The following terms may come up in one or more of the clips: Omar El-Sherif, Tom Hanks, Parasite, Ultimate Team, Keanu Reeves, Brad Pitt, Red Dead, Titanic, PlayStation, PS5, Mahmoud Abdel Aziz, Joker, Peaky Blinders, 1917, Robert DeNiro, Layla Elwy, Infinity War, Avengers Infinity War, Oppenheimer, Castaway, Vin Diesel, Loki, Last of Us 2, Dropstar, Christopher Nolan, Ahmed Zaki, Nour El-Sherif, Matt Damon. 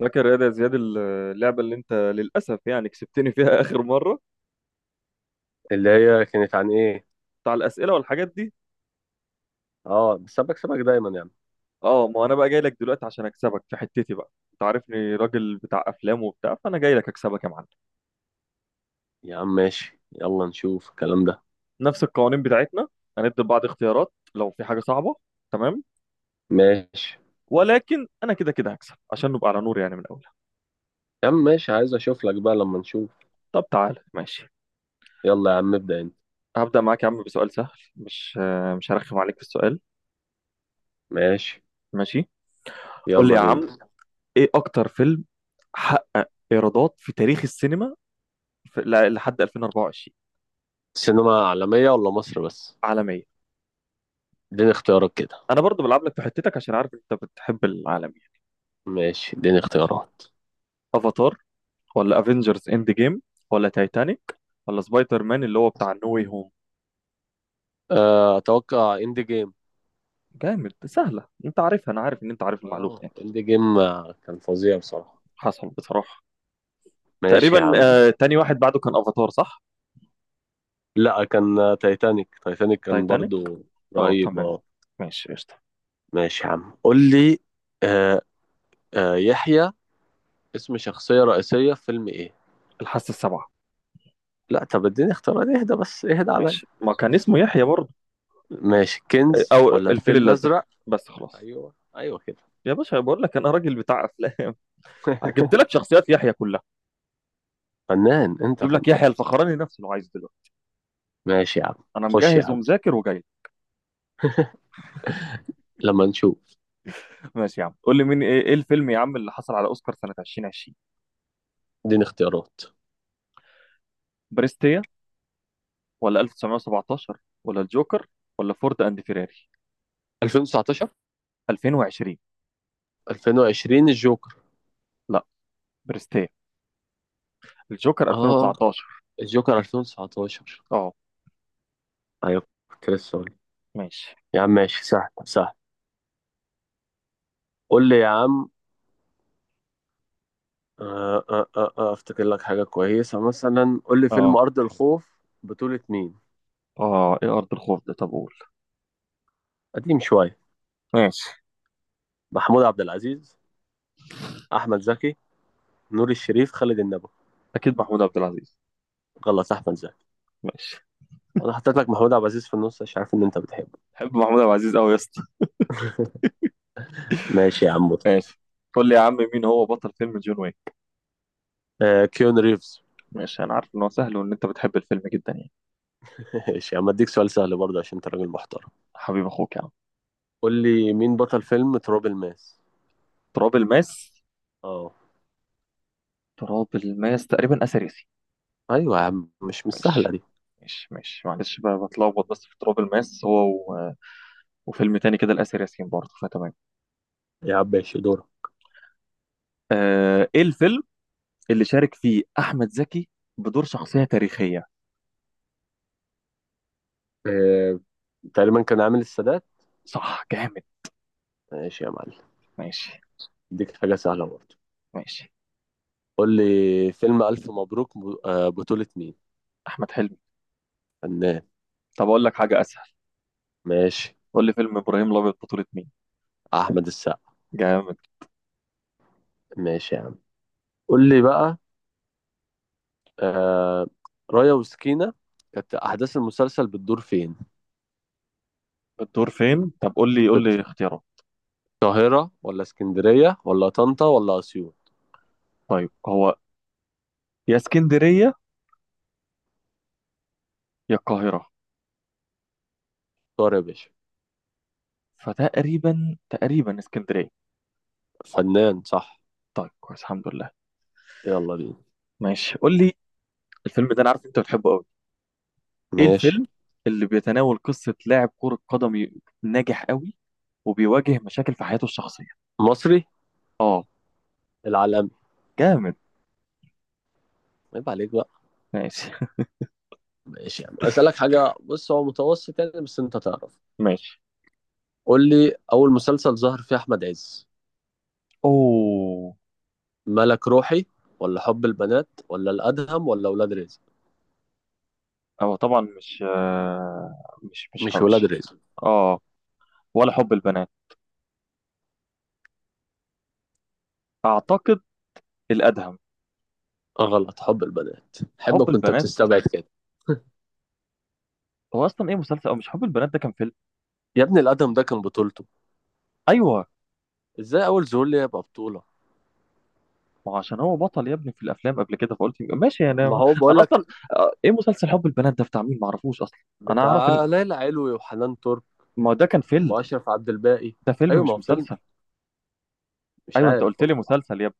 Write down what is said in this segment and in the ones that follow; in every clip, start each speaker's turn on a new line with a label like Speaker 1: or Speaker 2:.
Speaker 1: فاكر يا ده يا زياد، اللعبة اللي انت للأسف يعني كسبتني فيها آخر مرة.
Speaker 2: اللي هي كانت عن ايه؟
Speaker 1: بتاع الأسئلة والحاجات دي.
Speaker 2: اه بس انا بكسبك دايما يا عم.
Speaker 1: اه، ما انا بقى جاي لك دلوقتي عشان اكسبك في حتتي بقى، انت عارفني راجل بتاع افلام وبتاع، فانا جاي لك اكسبك يا معلم.
Speaker 2: يا عم ماشي، يلا نشوف الكلام ده.
Speaker 1: نفس القوانين بتاعتنا. هندي لبعض اختيارات لو في حاجة صعبة. تمام.
Speaker 2: ماشي.
Speaker 1: ولكن انا كده كده هكسب عشان نبقى على نور يعني من اولها.
Speaker 2: يا عم ماشي، عايز اشوف لك بقى لما نشوف.
Speaker 1: طب تعال ماشي.
Speaker 2: يلا يا عم ابدأ انت.
Speaker 1: هبدأ معاك يا عم بسؤال سهل. مش مش هرخم عليك في السؤال.
Speaker 2: ماشي،
Speaker 1: ماشي. قول لي
Speaker 2: يلا
Speaker 1: يا عم،
Speaker 2: بينا.
Speaker 1: ايه اكتر فيلم حقق ايرادات في تاريخ السينما لحد 2024؟
Speaker 2: سينما عالمية ولا مصر بس؟
Speaker 1: عالمية.
Speaker 2: اديني اختيارات كده.
Speaker 1: انا برضو بلعب لك في حتتك عشان عارف انت بتحب العالمية.
Speaker 2: ماشي اديني اختيارات.
Speaker 1: افاتار، ولا افنجرز اند جيم، ولا تايتانيك، ولا سبايدر مان اللي هو بتاع نو واي هوم؟
Speaker 2: اتوقع اند جيم.
Speaker 1: جامد، سهلة انت عارفها، انا عارف ان انت عارف
Speaker 2: اه
Speaker 1: المعلومة يعني.
Speaker 2: اند جيم، كان فظيع بصراحة.
Speaker 1: حصل بصراحة.
Speaker 2: ماشي
Speaker 1: تقريبا
Speaker 2: يا عم.
Speaker 1: تاني واحد بعده كان افاتار صح؟
Speaker 2: لا كان، تايتانيك، تايتانيك كان
Speaker 1: تايتانيك.
Speaker 2: برضو
Speaker 1: اه
Speaker 2: رهيب
Speaker 1: تمام.
Speaker 2: اه.
Speaker 1: ماشي قشطة.
Speaker 2: ماشي يا عم قول لي. آه يحيى، اسم شخصية رئيسية في فيلم ايه.
Speaker 1: الحاسة السبعة.
Speaker 2: لا طب اديني اختيارات، اهدى بس اهدى عليا.
Speaker 1: ماشي، ما كان اسمه يحيى برضه؟
Speaker 2: ماشي، كنز
Speaker 1: او
Speaker 2: ولا
Speaker 1: الفيل
Speaker 2: الفيل
Speaker 1: الازرق،
Speaker 2: الأزرق؟
Speaker 1: بس خلاص.
Speaker 2: ايوه ايوه كده.
Speaker 1: يا باشا بقول لك انا راجل بتاع افلام. جبت لك شخصيات يحيى كلها.
Speaker 2: فنان انت،
Speaker 1: جيب
Speaker 2: فنان.
Speaker 1: لك يحيى الفخراني نفسه لو عايز دلوقتي.
Speaker 2: ماشي يا عم.
Speaker 1: انا
Speaker 2: خش يا
Speaker 1: مجهز
Speaker 2: عم
Speaker 1: ومذاكر وجاي.
Speaker 2: لما نشوف.
Speaker 1: ماشي يا عم. قول لي إيه الفيلم يا عم اللي حصل على اوسكار سنه 2020؟
Speaker 2: اديني اختيارات.
Speaker 1: بريستيا، ولا 1917، ولا الجوكر، ولا فورد اند فيراري؟
Speaker 2: 2019؟
Speaker 1: 2020.
Speaker 2: 2020 الجوكر.
Speaker 1: لا، بريستيا. الجوكر
Speaker 2: اه
Speaker 1: 2019.
Speaker 2: الجوكر 2019.
Speaker 1: اه
Speaker 2: ايوه، كنت لسه أقول.
Speaker 1: ماشي.
Speaker 2: يا عم ماشي، سهل سهل. قول لي يا عم. افتكر لك حاجة كويسة، مثلا قول لي فيلم
Speaker 1: اه
Speaker 2: أرض الخوف بطولة مين.
Speaker 1: اه، ايه ارض الخوف ده؟ طب قول.
Speaker 2: قديم شوية.
Speaker 1: ماشي.
Speaker 2: محمود عبد العزيز، احمد زكي، نور الشريف، خالد النبوي.
Speaker 1: اكيد محمود عبد العزيز.
Speaker 2: غلط، احمد زكي.
Speaker 1: ماشي.
Speaker 2: انا حطيت لك محمود عبد العزيز في النص عشان عارف ان انت بتحبه.
Speaker 1: بحب محمود عبد العزيز قوي يا اسطى.
Speaker 2: ماشي يا عم.
Speaker 1: ماشي. قول لي يا عم، مين هو بطل فيلم جون ويك؟
Speaker 2: آه كيون ريفز.
Speaker 1: ماشي انا عارف ان هو سهل وان انت بتحب الفيلم جدا يعني.
Speaker 2: ماشي يا عم، اديك سؤال سهل برضه عشان انت راجل محترم.
Speaker 1: حبيب اخوك يا عم.
Speaker 2: قول لي مين بطل فيلم تراب الماس.
Speaker 1: تراب الماس.
Speaker 2: اه.
Speaker 1: تراب الماس تقريبا اثريسي.
Speaker 2: ايوه يا عم، مش سهله
Speaker 1: ماشي.
Speaker 2: دي.
Speaker 1: ماشي ماشي، معلش بقى بتلخبط، بس في تراب الماس وفيلم تاني كده الاسر ياسين برضه فتمام.
Speaker 2: يا عم ماشي دورك.
Speaker 1: ايه الفيلم اللي شارك فيه احمد زكي بدور شخصيه تاريخيه؟
Speaker 2: آه، تقريبا كان عامل السادات.
Speaker 1: صح جامد.
Speaker 2: ماشي يا معلم.
Speaker 1: ماشي.
Speaker 2: اديك حاجه سهله برضه.
Speaker 1: ماشي.
Speaker 2: قول لي فيلم الف مبروك بطوله مين.
Speaker 1: احمد حلمي.
Speaker 2: فنان.
Speaker 1: طب اقول لك حاجه اسهل.
Speaker 2: ماشي.
Speaker 1: قول لي فيلم ابراهيم الابيض بطوله مين؟
Speaker 2: احمد السقا.
Speaker 1: جامد.
Speaker 2: ماشي يا عم، قول لي بقى. آه، رايا وسكينة، كانت أحداث المسلسل بتدور فين؟
Speaker 1: الدور فين؟ طب قول لي قول
Speaker 2: في
Speaker 1: لي اختيارات.
Speaker 2: القاهرة ولا اسكندرية ولا طنطا ولا أسيوط؟
Speaker 1: طيب، هو يا اسكندريه يا القاهره.
Speaker 2: اختار يا باشا.
Speaker 1: فتقريبا تقريبا اسكندريه.
Speaker 2: فنان، صح.
Speaker 1: طيب كويس الحمد لله.
Speaker 2: يلا بينا.
Speaker 1: ماشي قول لي. الفيلم ده انا عارف انت بتحبه قوي. ايه
Speaker 2: ماشي.
Speaker 1: الفيلم اللي بيتناول قصة لاعب كرة قدم ناجح قوي، وبيواجه مشاكل في حياته الشخصية؟
Speaker 2: مصري.
Speaker 1: اه.
Speaker 2: العالمي.
Speaker 1: جامد.
Speaker 2: عيب عليك بقى.
Speaker 1: ماشي.
Speaker 2: ماشي يعني. أسألك حاجة، بص هو متوسط يعني، بس أنت تعرف.
Speaker 1: ماشي.
Speaker 2: قول لي أول مسلسل ظهر فيه أحمد عز.
Speaker 1: اوه.
Speaker 2: ملك روحي ولا حب البنات ولا الأدهم ولا ولاد رزق؟
Speaker 1: هو طبعا مش آه، مش مش
Speaker 2: مش ولاد
Speaker 1: مش
Speaker 2: رزق.
Speaker 1: اه، ولا حب البنات اعتقد، الادهم.
Speaker 2: غلط، حب البنات،
Speaker 1: حب
Speaker 2: حبك وأنت
Speaker 1: البنات.
Speaker 2: بتستبعد كده.
Speaker 1: هو اصلا ايه، مسلسل؟ او مش، حب البنات ده كان فيلم.
Speaker 2: يا ابني الأدهم ده كان بطولته،
Speaker 1: ايوه،
Speaker 2: ازاي اول ظهور ليه يبقى بطولة؟
Speaker 1: ما هو عشان هو بطل يا ابني في الافلام قبل كده فقلت يبقى ماشي
Speaker 2: ما
Speaker 1: انا.
Speaker 2: هو بقول
Speaker 1: انا
Speaker 2: لك.
Speaker 1: اصلا ايه مسلسل حب البنات ده بتاع مين ما اعرفوش اصلا. انا اعرف ان،
Speaker 2: بتاع ليلى علوي وحنان ترك
Speaker 1: ما هو ده كان فيلم.
Speaker 2: واشرف عبد الباقي.
Speaker 1: ده فيلم
Speaker 2: ايوه ما
Speaker 1: مش
Speaker 2: هو فيلم.
Speaker 1: مسلسل.
Speaker 2: مش
Speaker 1: ايوه انت
Speaker 2: عارف
Speaker 1: قلت لي
Speaker 2: والله.
Speaker 1: مسلسل يا ابني.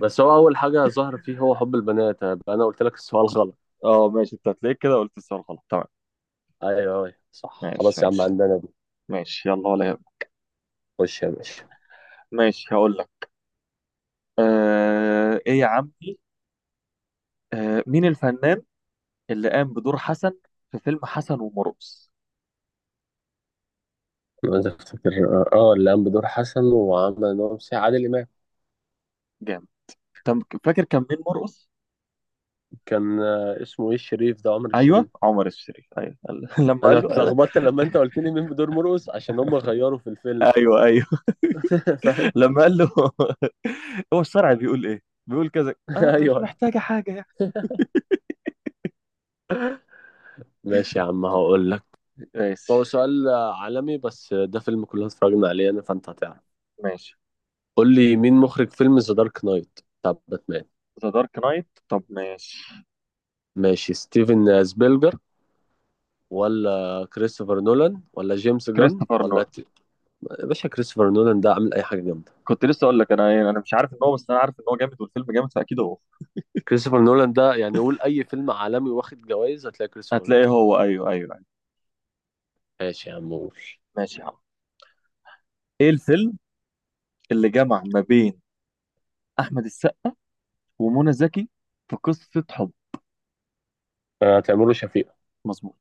Speaker 2: بس هو اول حاجة ظهر فيه هو حب البنات، أنا قلت لك السؤال غلط.
Speaker 1: اه ماشي، انت هتلاقيك كده قلت السؤال غلط. تمام.
Speaker 2: ايوه، ايوه صح،
Speaker 1: ماشي.
Speaker 2: خلاص يا عم
Speaker 1: ماشي.
Speaker 2: عندنا دي.
Speaker 1: ماشي يلا، ولا يهمك.
Speaker 2: خش يا باشا.
Speaker 1: ماشي هقول لك. ايه يا عمي؟ مين الفنان اللي قام بدور حسن في فيلم حسن ومرقص؟
Speaker 2: عايز افتكر. اه اللي قام بدور حسن وعمل نوم سي عادل امام.
Speaker 1: جامد. فاكر كان مين مرقص؟
Speaker 2: كان، اسمه ايه الشريف ده، عمر
Speaker 1: ايوه
Speaker 2: الشريف.
Speaker 1: عمر الشريف ايوه، لما
Speaker 2: انا
Speaker 1: قال له
Speaker 2: اتلخبطت لما انت قلت لي مين بدور مرقص عشان هم غيروا في الفيلم.
Speaker 1: ايوه ايوه.
Speaker 2: فاهم.
Speaker 1: لما قال له، هو الشرع بيقول ايه، بيقول كذا، مش
Speaker 2: ايوه.
Speaker 1: محتاجه حاجه يعني.
Speaker 2: ماشي يا عم هقول لك. هو
Speaker 1: ماشي.
Speaker 2: سؤال عالمي، بس ده فيلم كلنا اتفرجنا عليه انا فانت هتعرف.
Speaker 1: ماشي.
Speaker 2: قول لي مين مخرج فيلم ذا دارك نايت بتاع باتمان.
Speaker 1: ذا دارك نايت طب ماشي.
Speaker 2: ماشي، ستيفن سبيلجر ولا كريستوفر نولان ولا جيمس جان
Speaker 1: كريستوفر
Speaker 2: ولا
Speaker 1: نولان.
Speaker 2: يا باشا كريستوفر نولان ده عامل اي حاجه جامده.
Speaker 1: كنت لسه اقول لك انا انا مش عارف ان هو، بس انا عارف ان هو جامد والفيلم جامد فاكيد هو.
Speaker 2: كريستوفر نولان ده يعني، قول اي فيلم عالمي واخد جوائز هتلاقي كريستوفر نولان.
Speaker 1: هتلاقيه هو، ايوه ايوه ايوه.
Speaker 2: ماشي يا عم قول.
Speaker 1: ماشي يا عم. ايه الفيلم اللي جمع ما بين احمد السقا ومنى زكي في قصه حب؟
Speaker 2: آه، هتعمله شفيقة.
Speaker 1: مظبوط.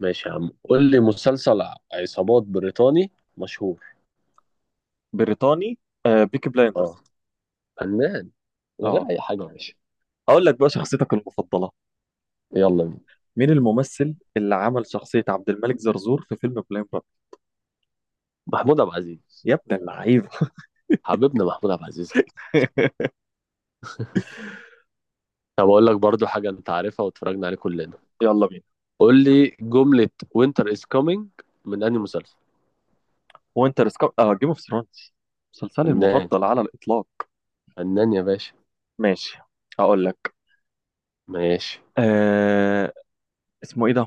Speaker 2: ماشي يا عم، قول لي مسلسل عصابات بريطاني مشهور.
Speaker 1: بريطاني. بيكي
Speaker 2: اه،
Speaker 1: بلايندرز.
Speaker 2: فنان، من
Speaker 1: اه.
Speaker 2: غير اي حاجه يا باشا.
Speaker 1: اقول لك بقى شخصيتك المفضله.
Speaker 2: يلا بينا.
Speaker 1: مين الممثل اللي عمل شخصيه عبد الملك زرزور في فيلم بلاين بارتنر؟
Speaker 2: محمود عبد العزيز.
Speaker 1: يا ابن اللعيبه.
Speaker 2: حبيبنا محمود عبد العزيز. طب اقول لك برضو حاجه انت عارفها واتفرجنا عليه كلنا.
Speaker 1: يلا بينا.
Speaker 2: قول لي جمله وينتر از كومينج من انهي مسلسل.
Speaker 1: وانتر سكار، جيم اوف ثرونز. مسلسلي
Speaker 2: فنان،
Speaker 1: المفضل على الاطلاق.
Speaker 2: فنان يا باشا.
Speaker 1: ماشي هقول لك.
Speaker 2: ماشي.
Speaker 1: آه اسمه ايه ده؟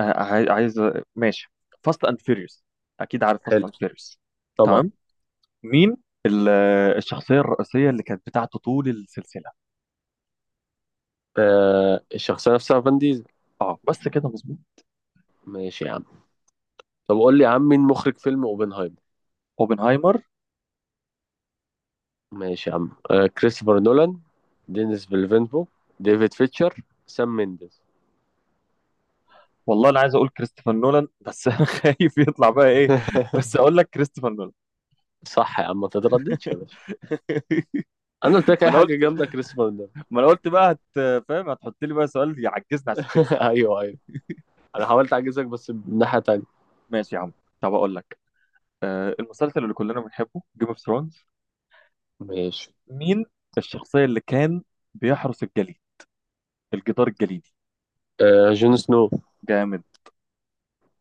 Speaker 1: ماشي. فاست اند فيريوس، اكيد عارف فاست
Speaker 2: حلو.
Speaker 1: اند فيريوس.
Speaker 2: طبعا.
Speaker 1: تمام. مين ال- الشخصيه الرئيسيه اللي كانت بتاعته طول السلسله؟
Speaker 2: آه الشخصيه نفسها، فان ديزل.
Speaker 1: اه بس كده مظبوط.
Speaker 2: ماشي يا عم. طب قول لي يا عم، مين مخرج فيلم اوبنهايمر.
Speaker 1: اوبنهايمر.
Speaker 2: ماشي يا عم. آه كريستوفر نولان، دينيس فيلفينفو، ديفيد فيتشر، سام مينديز.
Speaker 1: والله انا عايز اقول كريستوفر نولان بس انا خايف يطلع بقى ايه. بس اقول لك كريستوفر نولان.
Speaker 2: صح يا عم، ما تترددش يا باشا. انا قلت لك
Speaker 1: ما
Speaker 2: اي
Speaker 1: انا
Speaker 2: حاجه
Speaker 1: قلت
Speaker 2: جامده كريستوفر نولان.
Speaker 1: ما انا قلت بقى فاهم، هتحط لي بقى سؤال يعجزني عشان تكسب.
Speaker 2: ايوه ايوه. انا حاولت اعجزك بس من ناحيه تانية.
Speaker 1: ماشي يا عم. طب اقول لك المسلسل اللي كلنا بنحبه جيم اوف ثرونز.
Speaker 2: ماشي.
Speaker 1: مين الشخصية اللي كان بيحرس الجليد، الجدار الجليدي؟
Speaker 2: آه جون سنو.
Speaker 1: جامد.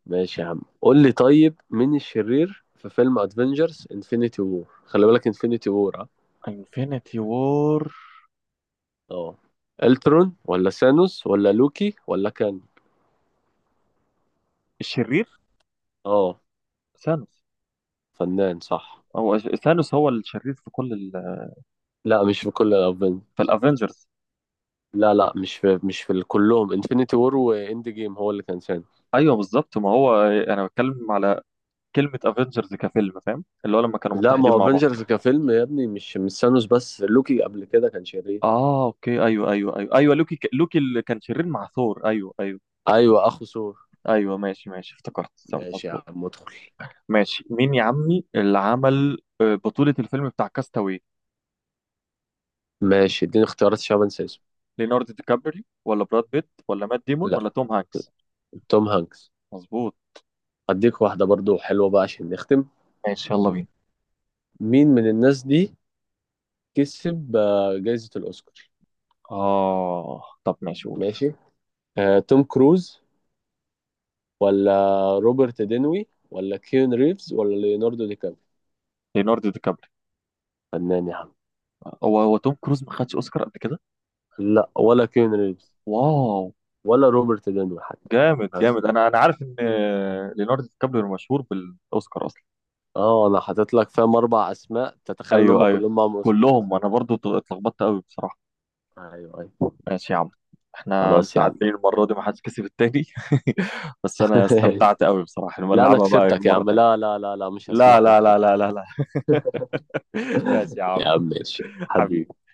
Speaker 2: ماشي يا عم، قول لي طيب مين الشرير في فيلم ادفنجرز انفينيتي وور، خلي بالك انفينيتي وور اه.
Speaker 1: انفينيتي وور.
Speaker 2: اه، الترون ولا سانوس ولا لوكي ولا كان.
Speaker 1: الشرير.
Speaker 2: اه.
Speaker 1: ثانوس.
Speaker 2: فنان، صح.
Speaker 1: ثانوس هو الشرير في كل
Speaker 2: لا مش في كل الافنجرز.
Speaker 1: في الافنجرز.
Speaker 2: لا لا، مش في كلهم، انفينيتي وور واند جيم هو اللي كان سانوس.
Speaker 1: ايوه بالظبط، ما هو انا بتكلم على كلمة افنجرز كفيلم، فاهم اللي هو لما كانوا
Speaker 2: لا ما
Speaker 1: متحدين
Speaker 2: هو
Speaker 1: مع بعض.
Speaker 2: افنجرز كفيلم يا ابني مش سانوس بس، لوكي قبل كده كان شرير.
Speaker 1: اه اوكي ايوه ايوه ايوه ايوه لوكي لوكي اللي كان شرير مع ثور ايوه ايوه.
Speaker 2: ايوه اخو ثور.
Speaker 1: ايوه ماشي ماشي افتكرت تمام،
Speaker 2: ماشي يا
Speaker 1: مظبوط.
Speaker 2: عم ادخل.
Speaker 1: ماشي. مين يا عمي اللي عمل بطولة الفيلم بتاع كاستاوي؟
Speaker 2: ماشي اديني اختيارات عشان أنا بنسى اسمه.
Speaker 1: ليوناردو دي كابريو، ولا براد بيت، ولا مات ديمون،
Speaker 2: لا،
Speaker 1: ولا توم هانكس؟
Speaker 2: توم هانكس.
Speaker 1: مظبوط.
Speaker 2: اديك واحدة برضو حلوة بقى عشان نختم.
Speaker 1: ماشي يلا بينا.
Speaker 2: مين من الناس دي كسب جايزة الأوسكار.
Speaker 1: اه طب ماشي قول.
Speaker 2: ماشي. آه، توم كروز ولا روبرت دينوي ولا كيون ريفز ولا ليوناردو دي كابري.
Speaker 1: ليوناردو دي كابريو.
Speaker 2: فنان يا عم.
Speaker 1: هو هو توم كروز ما خدش اوسكار قبل كده؟
Speaker 2: لا، ولا كيون ريفز،
Speaker 1: واو.
Speaker 2: ولا روبرت دينوي حتى.
Speaker 1: جامد
Speaker 2: بس
Speaker 1: جامد. انا عارف ان ليوناردو دي كابريو مشهور بالاوسكار اصلا.
Speaker 2: اه، انا حاطط لك فاهم اربع اسماء تتخيل ان
Speaker 1: ايوه
Speaker 2: هم
Speaker 1: ايوه
Speaker 2: كلهم معاهم اوسكار
Speaker 1: كلهم.
Speaker 2: اصلا.
Speaker 1: انا برضو اتلخبطت قوي بصراحه.
Speaker 2: ايوه ايوه.
Speaker 1: ماشي يا عم. احنا
Speaker 2: خلاص يا عم.
Speaker 1: متعادلين المره دي، ما حدش كسب التاني. بس انا استمتعت قوي بصراحه، لما
Speaker 2: لا انا
Speaker 1: نلعبها بقى
Speaker 2: كسبتك يا
Speaker 1: مره
Speaker 2: عم،
Speaker 1: تانيه.
Speaker 2: لا لا لا لا مش
Speaker 1: لا
Speaker 2: هسمح لك،
Speaker 1: لا
Speaker 2: أنا
Speaker 1: لا لا
Speaker 2: كسبتك.
Speaker 1: لا لا. ماشي يا عم.
Speaker 2: يا عم ماشي
Speaker 1: حبيبي حبيبي.
Speaker 2: حبيبي.